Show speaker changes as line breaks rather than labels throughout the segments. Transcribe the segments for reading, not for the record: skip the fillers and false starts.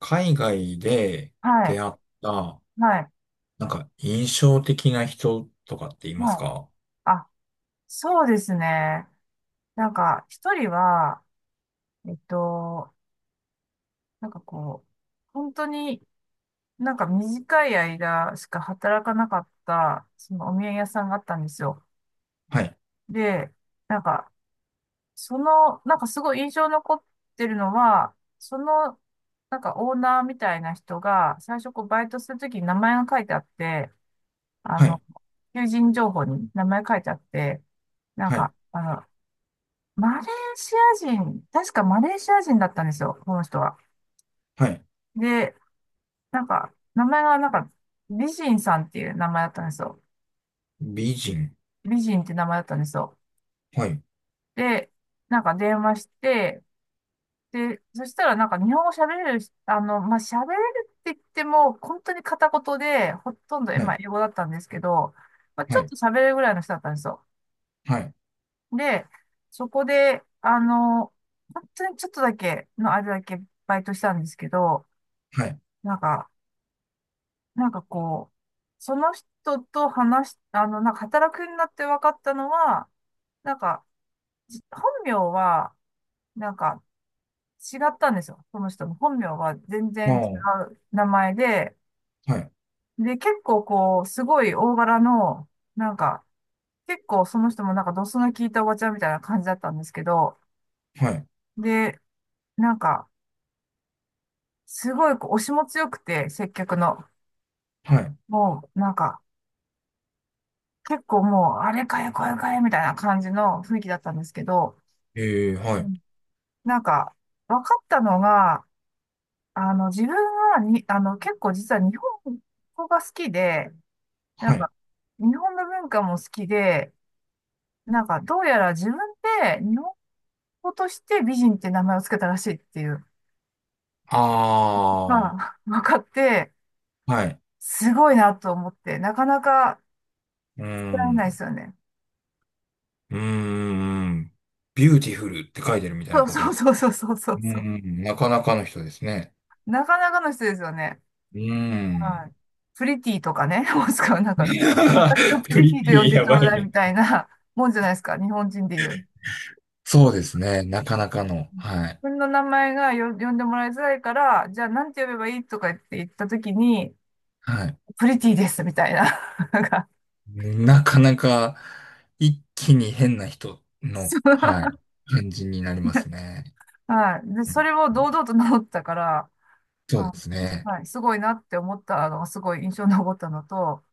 海外で
はい、
出会った、
はい、
なんか印象的な人とかっています
はい。
か？
あ、そうですね。なんか、一人は、えっと、なんかこう、本当になんか短い間しか働かなかった、そのお土産屋さんがあったんですよ。
はい、
で、なんか、その、なんかすごい印象に残ってるのは、その、なんかオーナーみたいな人が、最初こうバイトするときに名前が書いてあって、あ
はい、
の、求人情報に名前書いてあって、なん
は
か、
い、
あの、マレーシア人、確かマレーシア人だったんですよ、この人は。
はい。
で、なんか、名前がなんか、美人さんっていう名前だったんですよ。
美人。
美人って名前だったんですよ。
はい、
で、なんか電話して、で、そしたらなんか日本語喋れるし、あの、まあ、喋れるって言っても、本当に片言で、ほとんど、
は
まあ、
い、
英語だったんですけど、まあ、ち
は
ょっ
い、
と喋れるぐらいの人だったんですよ。
はい、
で、そこで、あの、本当にちょっとだけの間だけバイトしたんですけど、
はい。
なんか、なんかこう、その人と話し、あの、なんか働くようになって分かったのは、なんか、本名は、なんか違ったんですよ。その人の本名は全
あ
然
あ、
違
は
う名前で、
い、
で、結構こう、すごい大柄の、なんか、結構その人もなんかドスの効いたおばちゃんみたいな感じだったんですけど、
はい、
で、なんか、すごいこう押しも強くて、接客の。
はい。
もう、なんか、結構もう、あれかよ、これかよ、みたいな感じの雰囲気だったんですけど、
ええ、は
う
い、
んなんか、分かったのが、あの、自分に、あの、結構実は日本語が好きで、な
は
ん
い。
か、日本の文化も好きで、なんか、どうやら自分で日本語として美人って名前をつけたらしいっていう、ま
あ
あ、分かって、
あ、はい。
すごいなと思って、なかなか、
うー
られないで
ん、
すよね。
うーん。ビューティフルって書いてるみたい
そ
な
う
こと
そ
で
う
す。
そうそうそ
う
う
ー
そう。
ん、なかなかの人ですね。
なかなかの人ですよね。
うー
は
ん。
い。プリティとかね、もしくはなんか、私 をプ
プ
リ
リ
ティ
テ
と呼ん
ィ
で
や
ちょ
ば
う
い
だいみ
ね。
たいなもんじゃないですか、日本人で言う。
そうですね。なかなかの。
自
はい。
分の名前が呼んでもらいづらいから、じゃあなんて呼べばいいとか言ったときに、
はい。
プリティですみたいな。なんか、
なかなか一気に変な人
そ
の、は
う、
い。感じになりますね。
はい。で、
う
そ
ん、
れを堂々と名乗ったから、
そう
あ
ですね。
はい、すごいなって思ったのがすごい印象に残ったのと、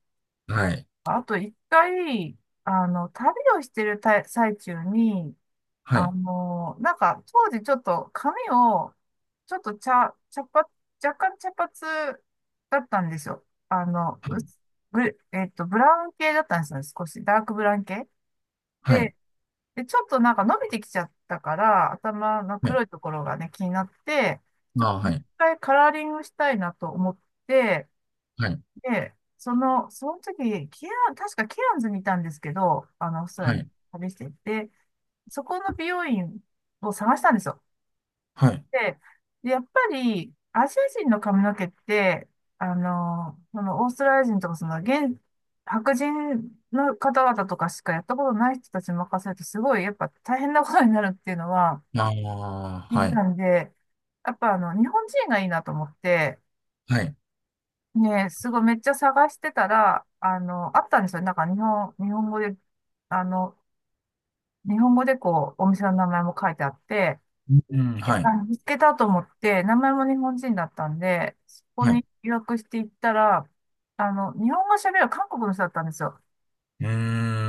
はい。
あと一回、あの、旅をしてる最中に、
は
あ
い。
の、なんか当時ちょっと髪を、ちょっと茶、茶髪、若干茶髪だったんですよ。あの、
は
う
い。
すブえっと、ブラウン系だったんですよね、少し。ダークブラウン系。
はい。
で、ちょっとなんか伸びてきちゃったから、頭の黒いところがね、気になって、ちょっ
ああ、
と
は
一
い。
回カラーリングしたいなと思って、
はい。
で、その時、確かケアンズにいたんですけど、あの、オーストラリ
は
アに
い。
旅していて、そこの美容院を探したんですよ。
はい。
で、やっぱり、アジア人の髪の毛って、あの、そのオーストラリア人とか、その現、白人の方々とかしかやったことない人たちに任せると、すごい、やっぱ大変なことになるっていうのは
ああ、
聞い
は
て
い。
たんで、やっぱあの、日本人がいいなと思って、
はい。
ね、すごいめっちゃ探してたら、あの、あったんですよ。日本語で、あの、日本語でこう、お店の名前も書いてあって、
うん、はい。
見つけたと思って、名前も日本人だったんで、そこ
はい。
に予約していったら、あの、日本語喋る韓国の人だったんですよ。
うー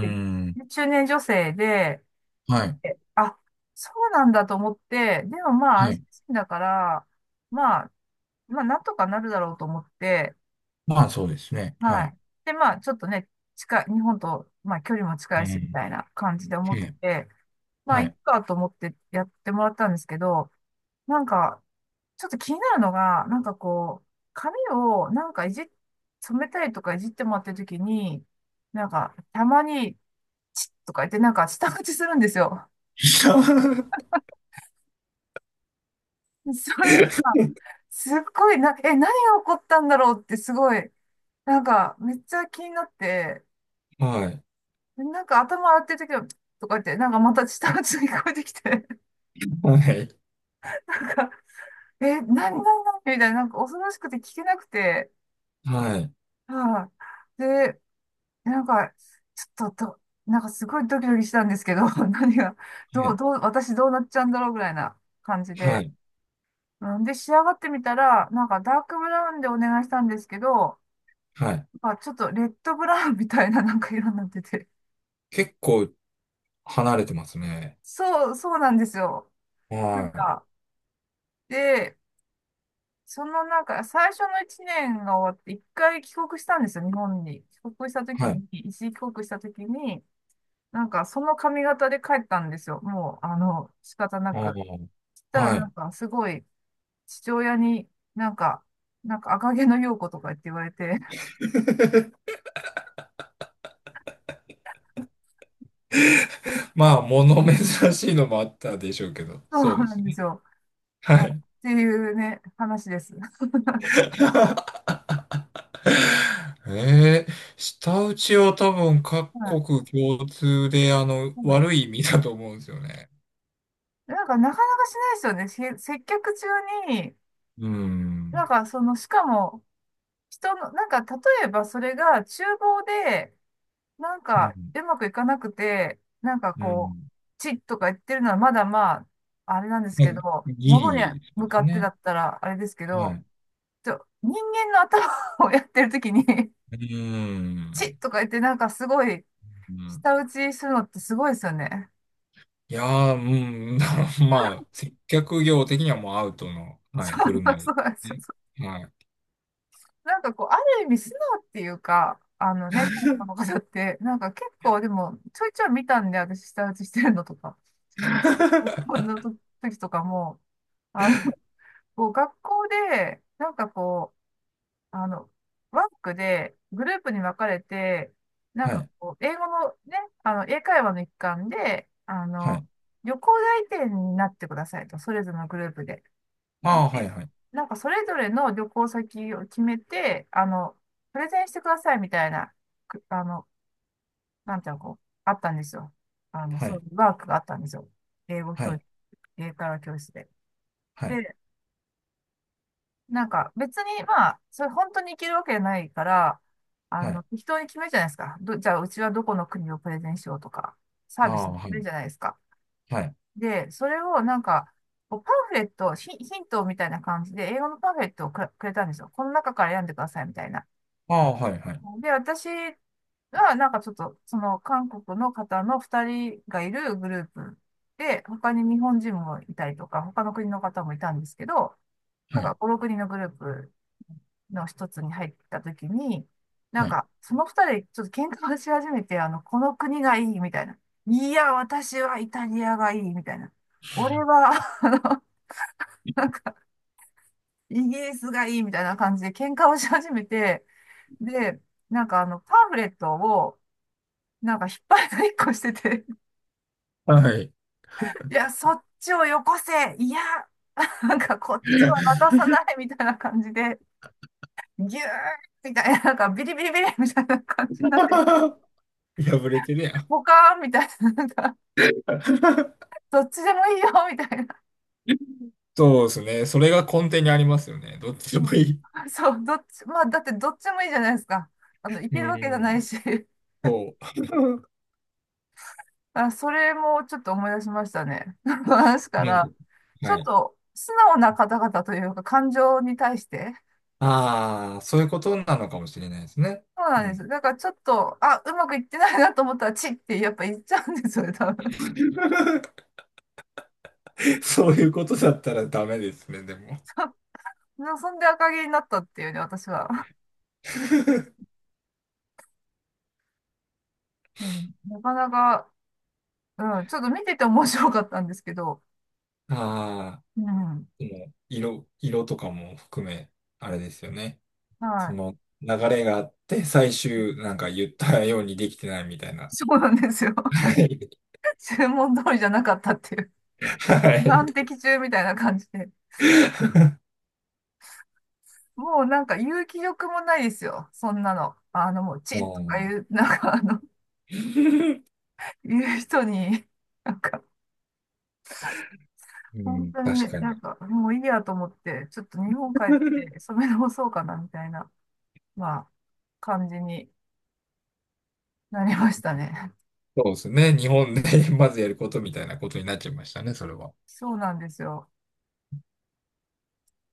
で
ん。
中年女性で、
はい。
えあ、そうなんだと思って、でもまあ、ア
は
ジ
い。
ア人だから、まあ、なんとかなるだろうと思って、
まあ、そうですね。は
は
い。
い。で、まあ、ちょっとね、近い、日本と、まあ、距離も近
う
いし、み
ん。
たいな感じで思ってて、まあ、
は
いっ
い。
かと思ってやってもらったんですけど、なんか、ちょっと気になるのが、なんかこう、髪をなんかいじっ、染めたりとかいじってもらってるときに、なんか、たまに、チッとか言って、なんか、舌打ちするんですよ。それが、すっごいな、え、何が起こったんだろうって、すごい、なんか、めっちゃ気になって、
はい。はい。
なんか、頭洗ってるときは、チッとか言って、なんか、また舌打ちが聞こえてきて、なんか、え、何、何、何みたいな、なんか、恐ろしくて聞けなくて、
はい。
はい、で、なんか、ちょっとど、なんかすごいドキドキしたんですけど、何が、
は
どう、
い。
どう、私どうなっちゃうんだろうぐらいな感じ
は
で。
い。
うんで、仕上がってみたら、なんかダークブラウンでお願いしたんですけど、
はい。
まあちょっとレッドブラウンみたいななんか色になってて。
結構離れてますね。
そう、そうなんですよ。なん
は
か、で、そのなんか最初の1年が終わって、1回帰国したんですよ、日本に。帰国した
い。
時
はい。
に、一時帰国した時に、なんかその髪型で帰ったんですよ。もう、あの、仕方な
あ
く。そした
あ。
ら
は
な
い。
んかすごい父親になんか、なんか赤毛の陽子とか言われて、
まあ、物珍しいのもあったでしょうけど、
そう
そうで
な
す
んです
ね。
よ。
は
まあ、っ
い。
ていうね、話です。
えー舌打ちは多分各
はい。
国共通で、あの、
はい
悪い意味だと思うんですよね。
なんかなかなかしないですよね。接客中に、
う
な
ん。
んかその、しかも人の、なんか例えばそれが厨房でなん
う
か
ん。
うまくいかなくて、なんか
う
こう、
ん。
チッとか言ってるのはまだまあ、あれなんですけ
ね
ど、
ギ
物に
リ、そう
向
で
か
す
って
ね。
だったらあれですけ
は
ど、
い。
人間の頭をやってるときに、
う
チッ
ん。
とか言ってなんかすごい、
うん、
舌打ちするのってすごいですよね。
いやー、うん、まあ、接客業的にはもうアウトの、は
そ
い、振る
う、
舞
そ
い。
うなんですよ。
はい。
なんかこう、ある意味素直っていうか、あのね、韓国の方って、なんか結構でも、ちょいちょい見たんで、私舌打ちしてるのとか、こんな時とかも、あの、こう、学校で、なんかこう、あの、ワークでグループに分かれて、なん
は
か
い。
こう、英語のね、あの、英会話の一環で、あ
は
の、
い。
旅行代理店になってくださいと、それぞれのグループで。
ああ、はい、
で
はい。
なんかそれぞれの旅行先を決めて、あの、プレゼンしてくださいみたいな、くあの、なんていうの、こう、あったんですよ。あの、
は
そうい
い。
うワークがあったんですよ。英語
は
教室、
い。
英会話教室で。
はい。
でなんか別にまあ、それ本当にいけるわけじゃないから、あ
は
の、
い。
適当に決めるじゃないですか。じゃあうちはどこの国をプレゼンしようとか、サー
あ
ビス
あ、
決
は
める
い。
じゃないですか。
はい。
で、それをなんか、こうパンフレット、ヒ、ヒントみたいな感じで、英語のパンフレットをくれたんですよ。この中から選んでくださいみたいな。
ああ、はい、はい。
で、私はなんかちょっと、その韓国の方の2人がいるグループで、他に日本人もいたりとか、他の国の方もいたんですけど、
は
なん
い。
か5、6人のグループの一つに入った時に、なん
はい。
かその二人でちょっと喧嘩をし始めて、あの、この国がいいみたいな。いや、私はイタリアがいいみたいな。俺は、あの、イギリスがいいみたいな感じで喧嘩をし始めて、で、なんかあの、パンフレットを、なんか引っ張りだっしてて、
はい。
いや、そっちをよこせいや、なんかこっちは渡さないみたいな感じで、ギューみたいな、なんかビリビリビリみたいな 感じになって、
破れてるやん。
ポカーンみたいな、なんか、どっちでもいいよみたいな。
そうですね。それが根底にありますよね。どっちでも
も
いい。
うそう、どっち、まあ、だってどっちもいいじゃないですか。あの、い
う
けるわけじゃ
ん。
ないし。
そう。
あ、それもちょっと思い出しましたね。話か
なんか、
ら、ちょ
は
っ
い。
と素直な方々というか、感情に対して。
ああ、そういうことなのかもしれないですね。
そう
う
なんで
ん。
す。だからちょっと、あ、うまくいってないなと思ったら、チッってやっぱ言っちゃうんですよね、多分。
そういうことだったらダメですね、でも。
そそんで赤毛になったっていうね、私は。うん、なかなか、うん、ちょっと見てて面白かったんですけど、
ああ、
うん、
でも、色、色とかも含め、あれですよね。
は
そ
い。
の流れがあって、最終、なんか言ったようにできてないみたいな。
そうなんですよ。
はい。
注文通りじゃなかったっていう。
はい。
難敵中みたいな感じで。もうなんか言う気力もないですよ。そんなの。あの、もう、チッとか
も
言う、なんかあの、言う人に、なんか、
う、う
本
ん、
当に、
確か
なん
に。
か、もういいやと思って、ちょっと日本帰って染め直そうかな、みたいな、まあ、感じになりましたね。
そうですね。日本で まずやることみたいなことになっちゃいましたね、それは。
そうなんですよ。